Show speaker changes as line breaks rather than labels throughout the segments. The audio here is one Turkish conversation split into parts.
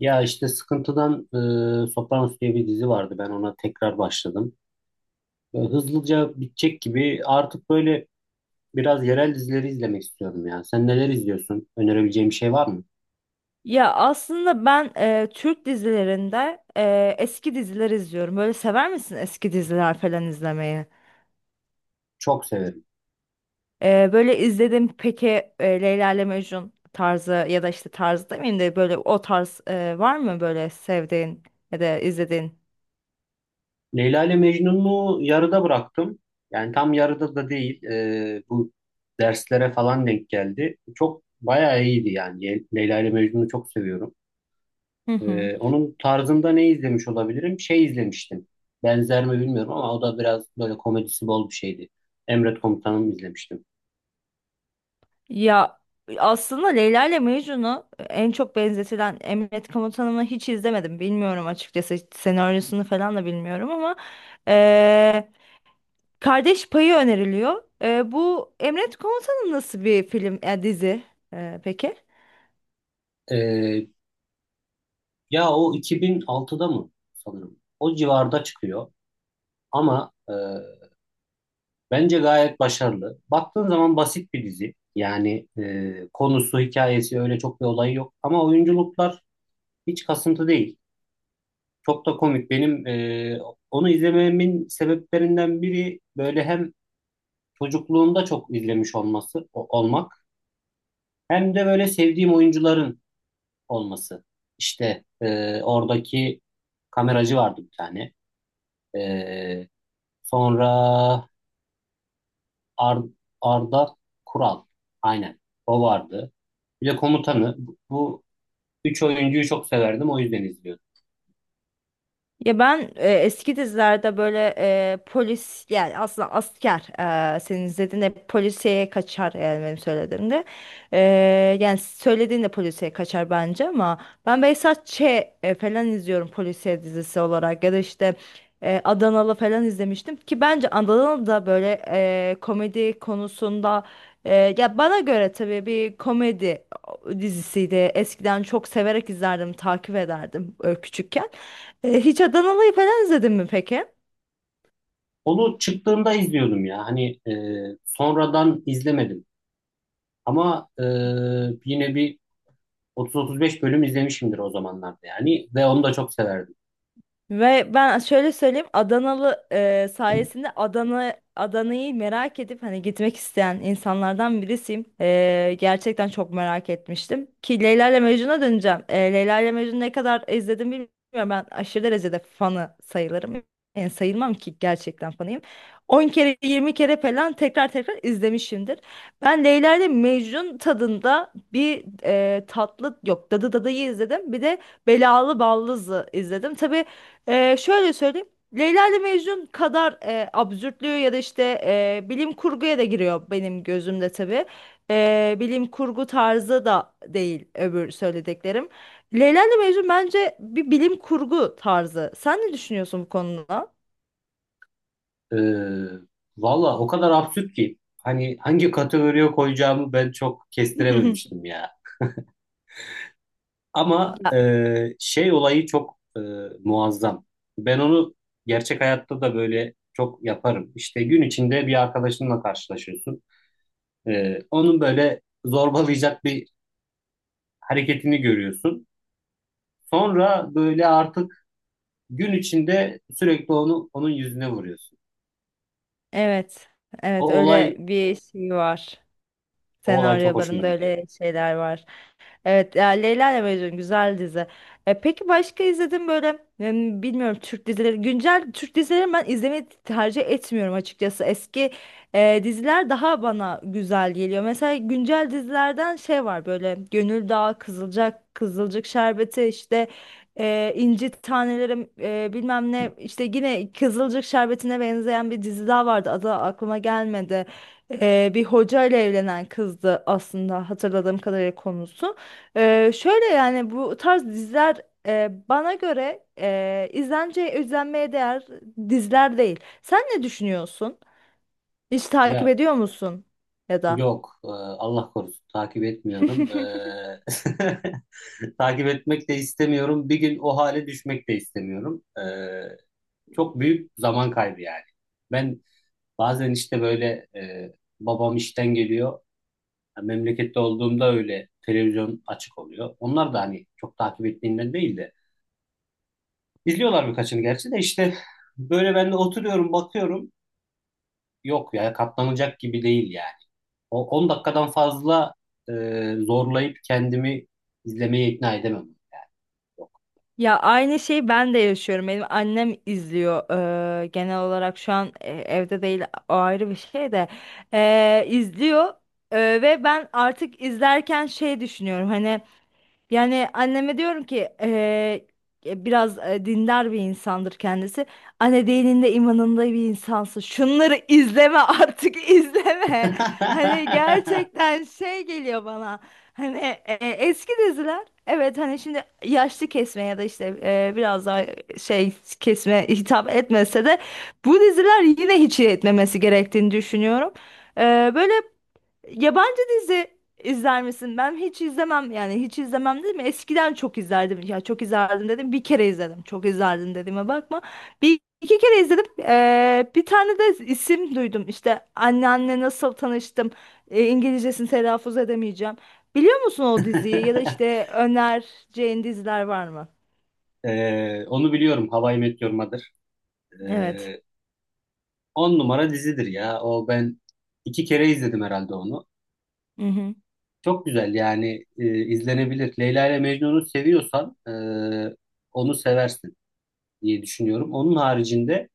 Ya işte Sıkıntı'dan Sopranos diye bir dizi vardı. Ben ona tekrar başladım. Hızlıca bitecek gibi artık böyle biraz yerel dizileri izlemek istiyorum ya. Sen neler izliyorsun? Önerebileceğim bir şey var mı?
Ya aslında ben Türk dizilerinde eski diziler izliyorum. Böyle sever misin eski diziler falan izlemeyi?
Çok severim.
Böyle izledim peki Leyla ile Mecnun tarzı ya da işte tarzı demeyeyim de böyle o tarz var mı böyle sevdiğin ya da izlediğin?
Leyla ile Mecnun'u yarıda bıraktım. Yani tam yarıda da değil. Bu derslere falan denk geldi. Çok bayağı iyiydi yani. Leyla ile Mecnun'u çok seviyorum.
Hı hı.
Onun tarzında ne izlemiş olabilirim? Şey izlemiştim. Benzer mi bilmiyorum ama o da biraz böyle komedisi bol bir şeydi. Emret Komutanım izlemiştim.
Ya aslında Leyla ile Mecnun'u en çok benzetilen Emret Komutanım'ı hiç izlemedim. Bilmiyorum açıkçası hiç senaryosunu falan da bilmiyorum ama Kardeş Payı öneriliyor. Bu Emret Komutan'ın nasıl bir film, dizi peki?
Ee, Ya o 2006'da mı sanırım? O civarda çıkıyor ama bence gayet başarılı. Baktığın zaman basit bir dizi. Yani konusu, hikayesi öyle çok bir olayı yok. Ama oyunculuklar hiç kasıntı değil. Çok da komik. Benim onu izlememin sebeplerinden biri böyle hem çocukluğumda çok izlemiş olması olmak hem de böyle sevdiğim oyuncuların olması. İşte oradaki kameracı vardı bir tane. E, Sonra Ar- Arda Kural. Aynen. O vardı. Bir de komutanı. Bu üç oyuncuyu çok severdim. O yüzden izliyordum.
Ya ben eski dizilerde böyle polis yani aslında asker, senin izlediğinde hep polisiye kaçar yani benim söylediğimde. E, Yani söylediğinde polisiye kaçar bence ama ben Behzat Ç. Falan izliyorum polisiye dizisi olarak ya da işte Adanalı falan izlemiştim ki bence Adanalı da böyle komedi konusunda, ya bana göre tabii bir komedi dizisiydi. Eskiden çok severek izlerdim, takip ederdim küçükken. Hiç Adanalı'yı falan izledin mi peki?
Onu çıktığında izliyordum ya. Hani sonradan izlemedim. Ama yine bir 30-35 bölüm izlemişimdir o zamanlarda yani ve onu da çok severdim.
Ve ben şöyle söyleyeyim, Adanalı sayesinde Adana Adana'yı merak edip hani gitmek isteyen insanlardan birisiyim. E, gerçekten çok merak etmiştim. Ki Leyla ile Mecnun'a döneceğim. E, Leyla ile Mecnun'u ne kadar izledim bilmiyorum. Ben aşırı derecede fanı sayılırım. Yani sayılmam ki gerçekten fanıyım. 10 kere 20 kere falan tekrar tekrar izlemişimdir. Ben Leyla ile Mecnun tadında bir tatlı yok, Dadı'yı izledim. Bir de Belalı Ballız'ı izledim. Tabii şöyle söyleyeyim. Leyla ile Mecnun kadar absürtlüğü ya da işte bilim kurguya da giriyor benim gözümde tabii. Bilim kurgu tarzı da değil öbür söylediklerim. Leyla ile Mecnun bence bir bilim kurgu tarzı. Sen ne düşünüyorsun bu konuda?
Ee, Valla o kadar absürt ki hani hangi kategoriye koyacağımı ben çok kestirememiştim ya. Ama
Ya,
şey olayı çok muazzam. Ben onu gerçek hayatta da böyle çok yaparım. İşte gün içinde bir arkadaşınla karşılaşıyorsun. Onun böyle zorbalayacak bir hareketini görüyorsun. Sonra böyle artık gün içinde sürekli onun yüzüne vuruyorsun.
evet.
O
Evet, öyle
olay
bir şey var.
O olay çok hoşuma
Senaryolarında
gidiyor.
öyle şeyler var. Evet, ya Leyla ile Mecnun güzel dizi. E, peki başka izledim böyle bilmiyorum, Türk dizileri. Güncel Türk dizileri ben izlemeyi tercih etmiyorum açıkçası. Eski diziler daha bana güzel geliyor. Mesela güncel dizilerden şey var böyle Gönül Dağı, Kızılcık, Kızılcık Şerbeti, işte İnci Tanelerim, bilmem ne, işte yine Kızılcık Şerbeti'ne benzeyen bir dizi daha vardı. Adı aklıma gelmedi. Bir hoca ile evlenen kızdı aslında hatırladığım kadarıyla konusu. Şöyle yani bu tarz diziler bana göre e, izlence izlenmeye değer diziler değil. Sen ne düşünüyorsun? Hiç takip
Ya
ediyor musun ya da?
yok, Allah korusun, takip etmiyorum. Takip etmek de istemiyorum. Bir gün o hale düşmek de istemiyorum. Çok büyük zaman kaybı yani. Ben bazen işte böyle babam işten geliyor. Ya memlekette olduğumda öyle televizyon açık oluyor. Onlar da hani çok takip ettiğimden değil de. İzliyorlar birkaçını gerçi de işte böyle ben de oturuyorum bakıyorum. Yok ya, katlanacak gibi değil yani. O 10 dakikadan fazla e, zorlayıp kendimi izlemeye ikna edemem. Yani yok.
Ya aynı şeyi ben de yaşıyorum. Benim annem izliyor. Genel olarak şu an evde değil, o ayrı bir şey de. İzliyor. Ve ben artık izlerken şey düşünüyorum. Hani, yani anneme diyorum ki, biraz dindar bir insandır kendisi. Anne, dininde imanında bir insansın. Şunları izleme artık, izleme. Hani gerçekten şey geliyor bana. Hani eski diziler, evet, hani şimdi yaşlı kesme ya da işte biraz daha şey kesme hitap etmese de bu diziler yine hiç etmemesi gerektiğini düşünüyorum. Böyle yabancı dizi izler misin? Ben hiç izlemem, yani hiç izlemem dedim. Eskiden çok izlerdim. Ya, çok izlerdim dedim. Bir kere izledim. Çok izlerdim dediğime bakma. Bir iki kere izledim. Bir tane de isim duydum. İşte anneanne nasıl tanıştım. İngilizcesini telaffuz edemeyeceğim. Biliyor musun o diziyi ya da işte önereceğin diziler var mı?
Onu biliyorum. How I Met Your Mother.
Evet.
E, 10 numara dizidir ya. O ben iki kere izledim herhalde onu.
Hı hı.
Çok güzel yani, izlenebilir. Leyla ile Mecnun'u seviyorsan onu seversin diye düşünüyorum. Onun haricinde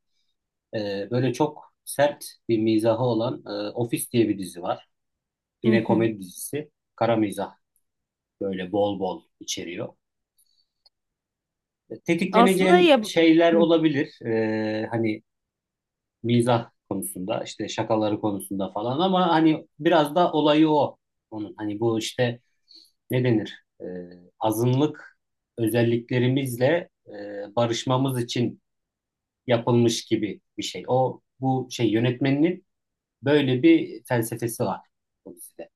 böyle çok sert bir mizahı olan Office diye bir dizi var.
Hı
Yine
hı.
komedi dizisi. Kara mizah böyle bol bol içeriyor.
Aslında
Tetikleneceğin
ya.
şeyler olabilir. Hani mizah konusunda, işte şakaları konusunda falan, ama hani biraz da olayı o. Onun hani bu işte ne denir? Azınlık özelliklerimizle barışmamız için yapılmış gibi bir şey. O bu şey yönetmeninin böyle bir felsefesi var bu dizide.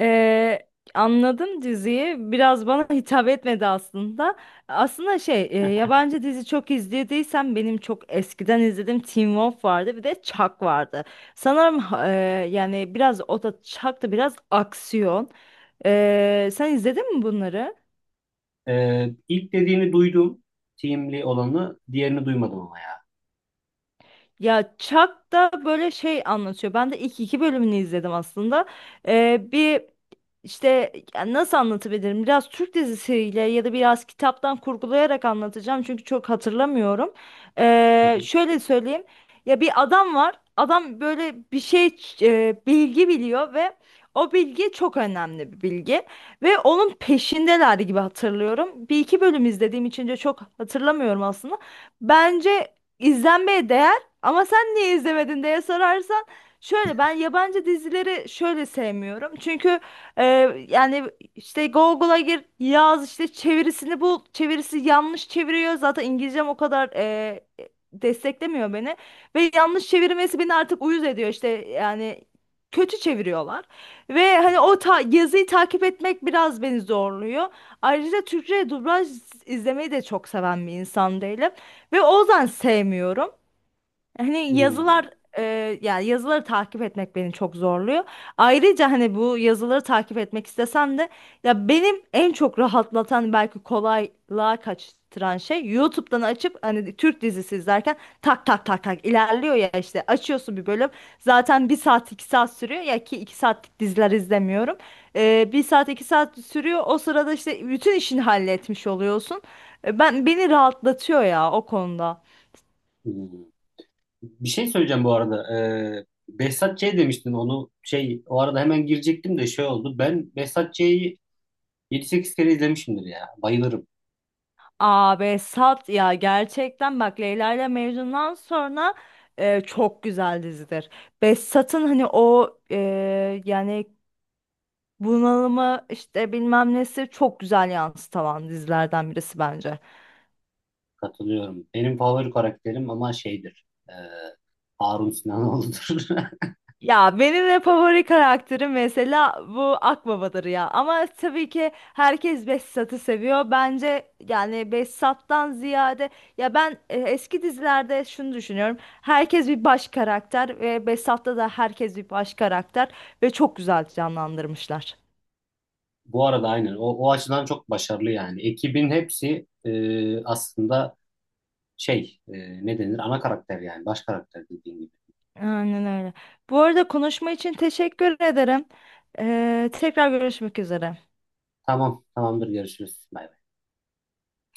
Ee, Anladım diziyi. Biraz bana hitap etmedi aslında. Aslında şey, yabancı dizi çok izlediysem benim çok eskiden izlediğim Teen Wolf vardı, bir de Chuck vardı. Sanırım yani biraz o da, Chuck da biraz aksiyon. Sen izledin mi bunları?
İlk dediğini duydum. Teamli olanı, diğerini duymadım ama ya.
Ya Chuck da böyle şey anlatıyor. Ben de ilk iki bölümünü izledim aslında. Bir işte, ya nasıl anlatabilirim? Biraz Türk dizisiyle ya da biraz kitaptan kurgulayarak anlatacağım. Çünkü çok hatırlamıyorum.
Hı hı.
Şöyle söyleyeyim. Ya bir adam var. Adam böyle bir şey, bilgi biliyor ve o bilgi çok önemli bir bilgi. Ve onun peşindeler gibi hatırlıyorum. Bir iki bölüm izlediğim için de çok hatırlamıyorum aslında. Bence izlenmeye değer ama sen niye izlemedin diye sorarsan, şöyle, ben yabancı dizileri şöyle sevmiyorum. Çünkü e, yani işte Google'a gir, yaz, işte çevirisini bul, çevirisi yanlış çeviriyor. Zaten İngilizcem o kadar desteklemiyor beni ve yanlış çevirmesi beni artık uyuz ediyor, işte yani kötü çeviriyorlar. Ve hani o ta yazıyı takip etmek biraz beni zorluyor. Ayrıca Türkçe dublaj izlemeyi de çok seven bir insan değilim. Ve o yüzden sevmiyorum. Hani
Hmm.
yazılar, e, yani yazıları takip etmek beni çok zorluyor. Ayrıca hani bu yazıları takip etmek istesem de ya benim en çok rahatlatan, belki kolaylığa kaçtıran şey YouTube'dan açıp hani Türk dizisi izlerken tak tak tak tak ilerliyor ya, işte açıyorsun bir bölüm, zaten bir saat iki saat sürüyor ya, ki iki saatlik diziler izlemiyorum. E, bir saat iki saat sürüyor, o sırada işte bütün işini halletmiş oluyorsun. E, ben, beni rahatlatıyor ya o konuda.
Hmm. Bir şey söyleyeceğim bu arada. Behzat Ç. demiştin, onu şey o arada hemen girecektim de şey oldu. Ben Behzat Ç'yi 7-8 kere izlemişimdir ya. Bayılırım.
Abi sat ya, gerçekten bak, Leyla ile Mecnun'dan sonra çok güzel dizidir. Behzat'ın hani o, yani bunalımı işte bilmem nesi çok güzel yansıtan dizilerden birisi bence.
Katılıyorum. Benim favori karakterim ama şeydir. Harun Sinanoğlu'dur.
Ya benim de favori karakterim mesela bu Akbaba'dır ya. Ama tabii ki herkes Behzat'ı seviyor. Bence yani Behzat'tan ziyade, ya ben eski dizilerde şunu düşünüyorum. Herkes bir baş karakter ve Behzat'ta da herkes bir baş karakter ve çok güzel canlandırmışlar.
Bu arada aynen. O açıdan çok başarılı yani. Ekibin hepsi aslında şey ne denir? Ana karakter yani. Baş karakter dediğin gibi.
Aynen öyle. Bu arada konuşma için teşekkür ederim. Tekrar görüşmek üzere.
Tamam. Tamamdır. Görüşürüz. Bye.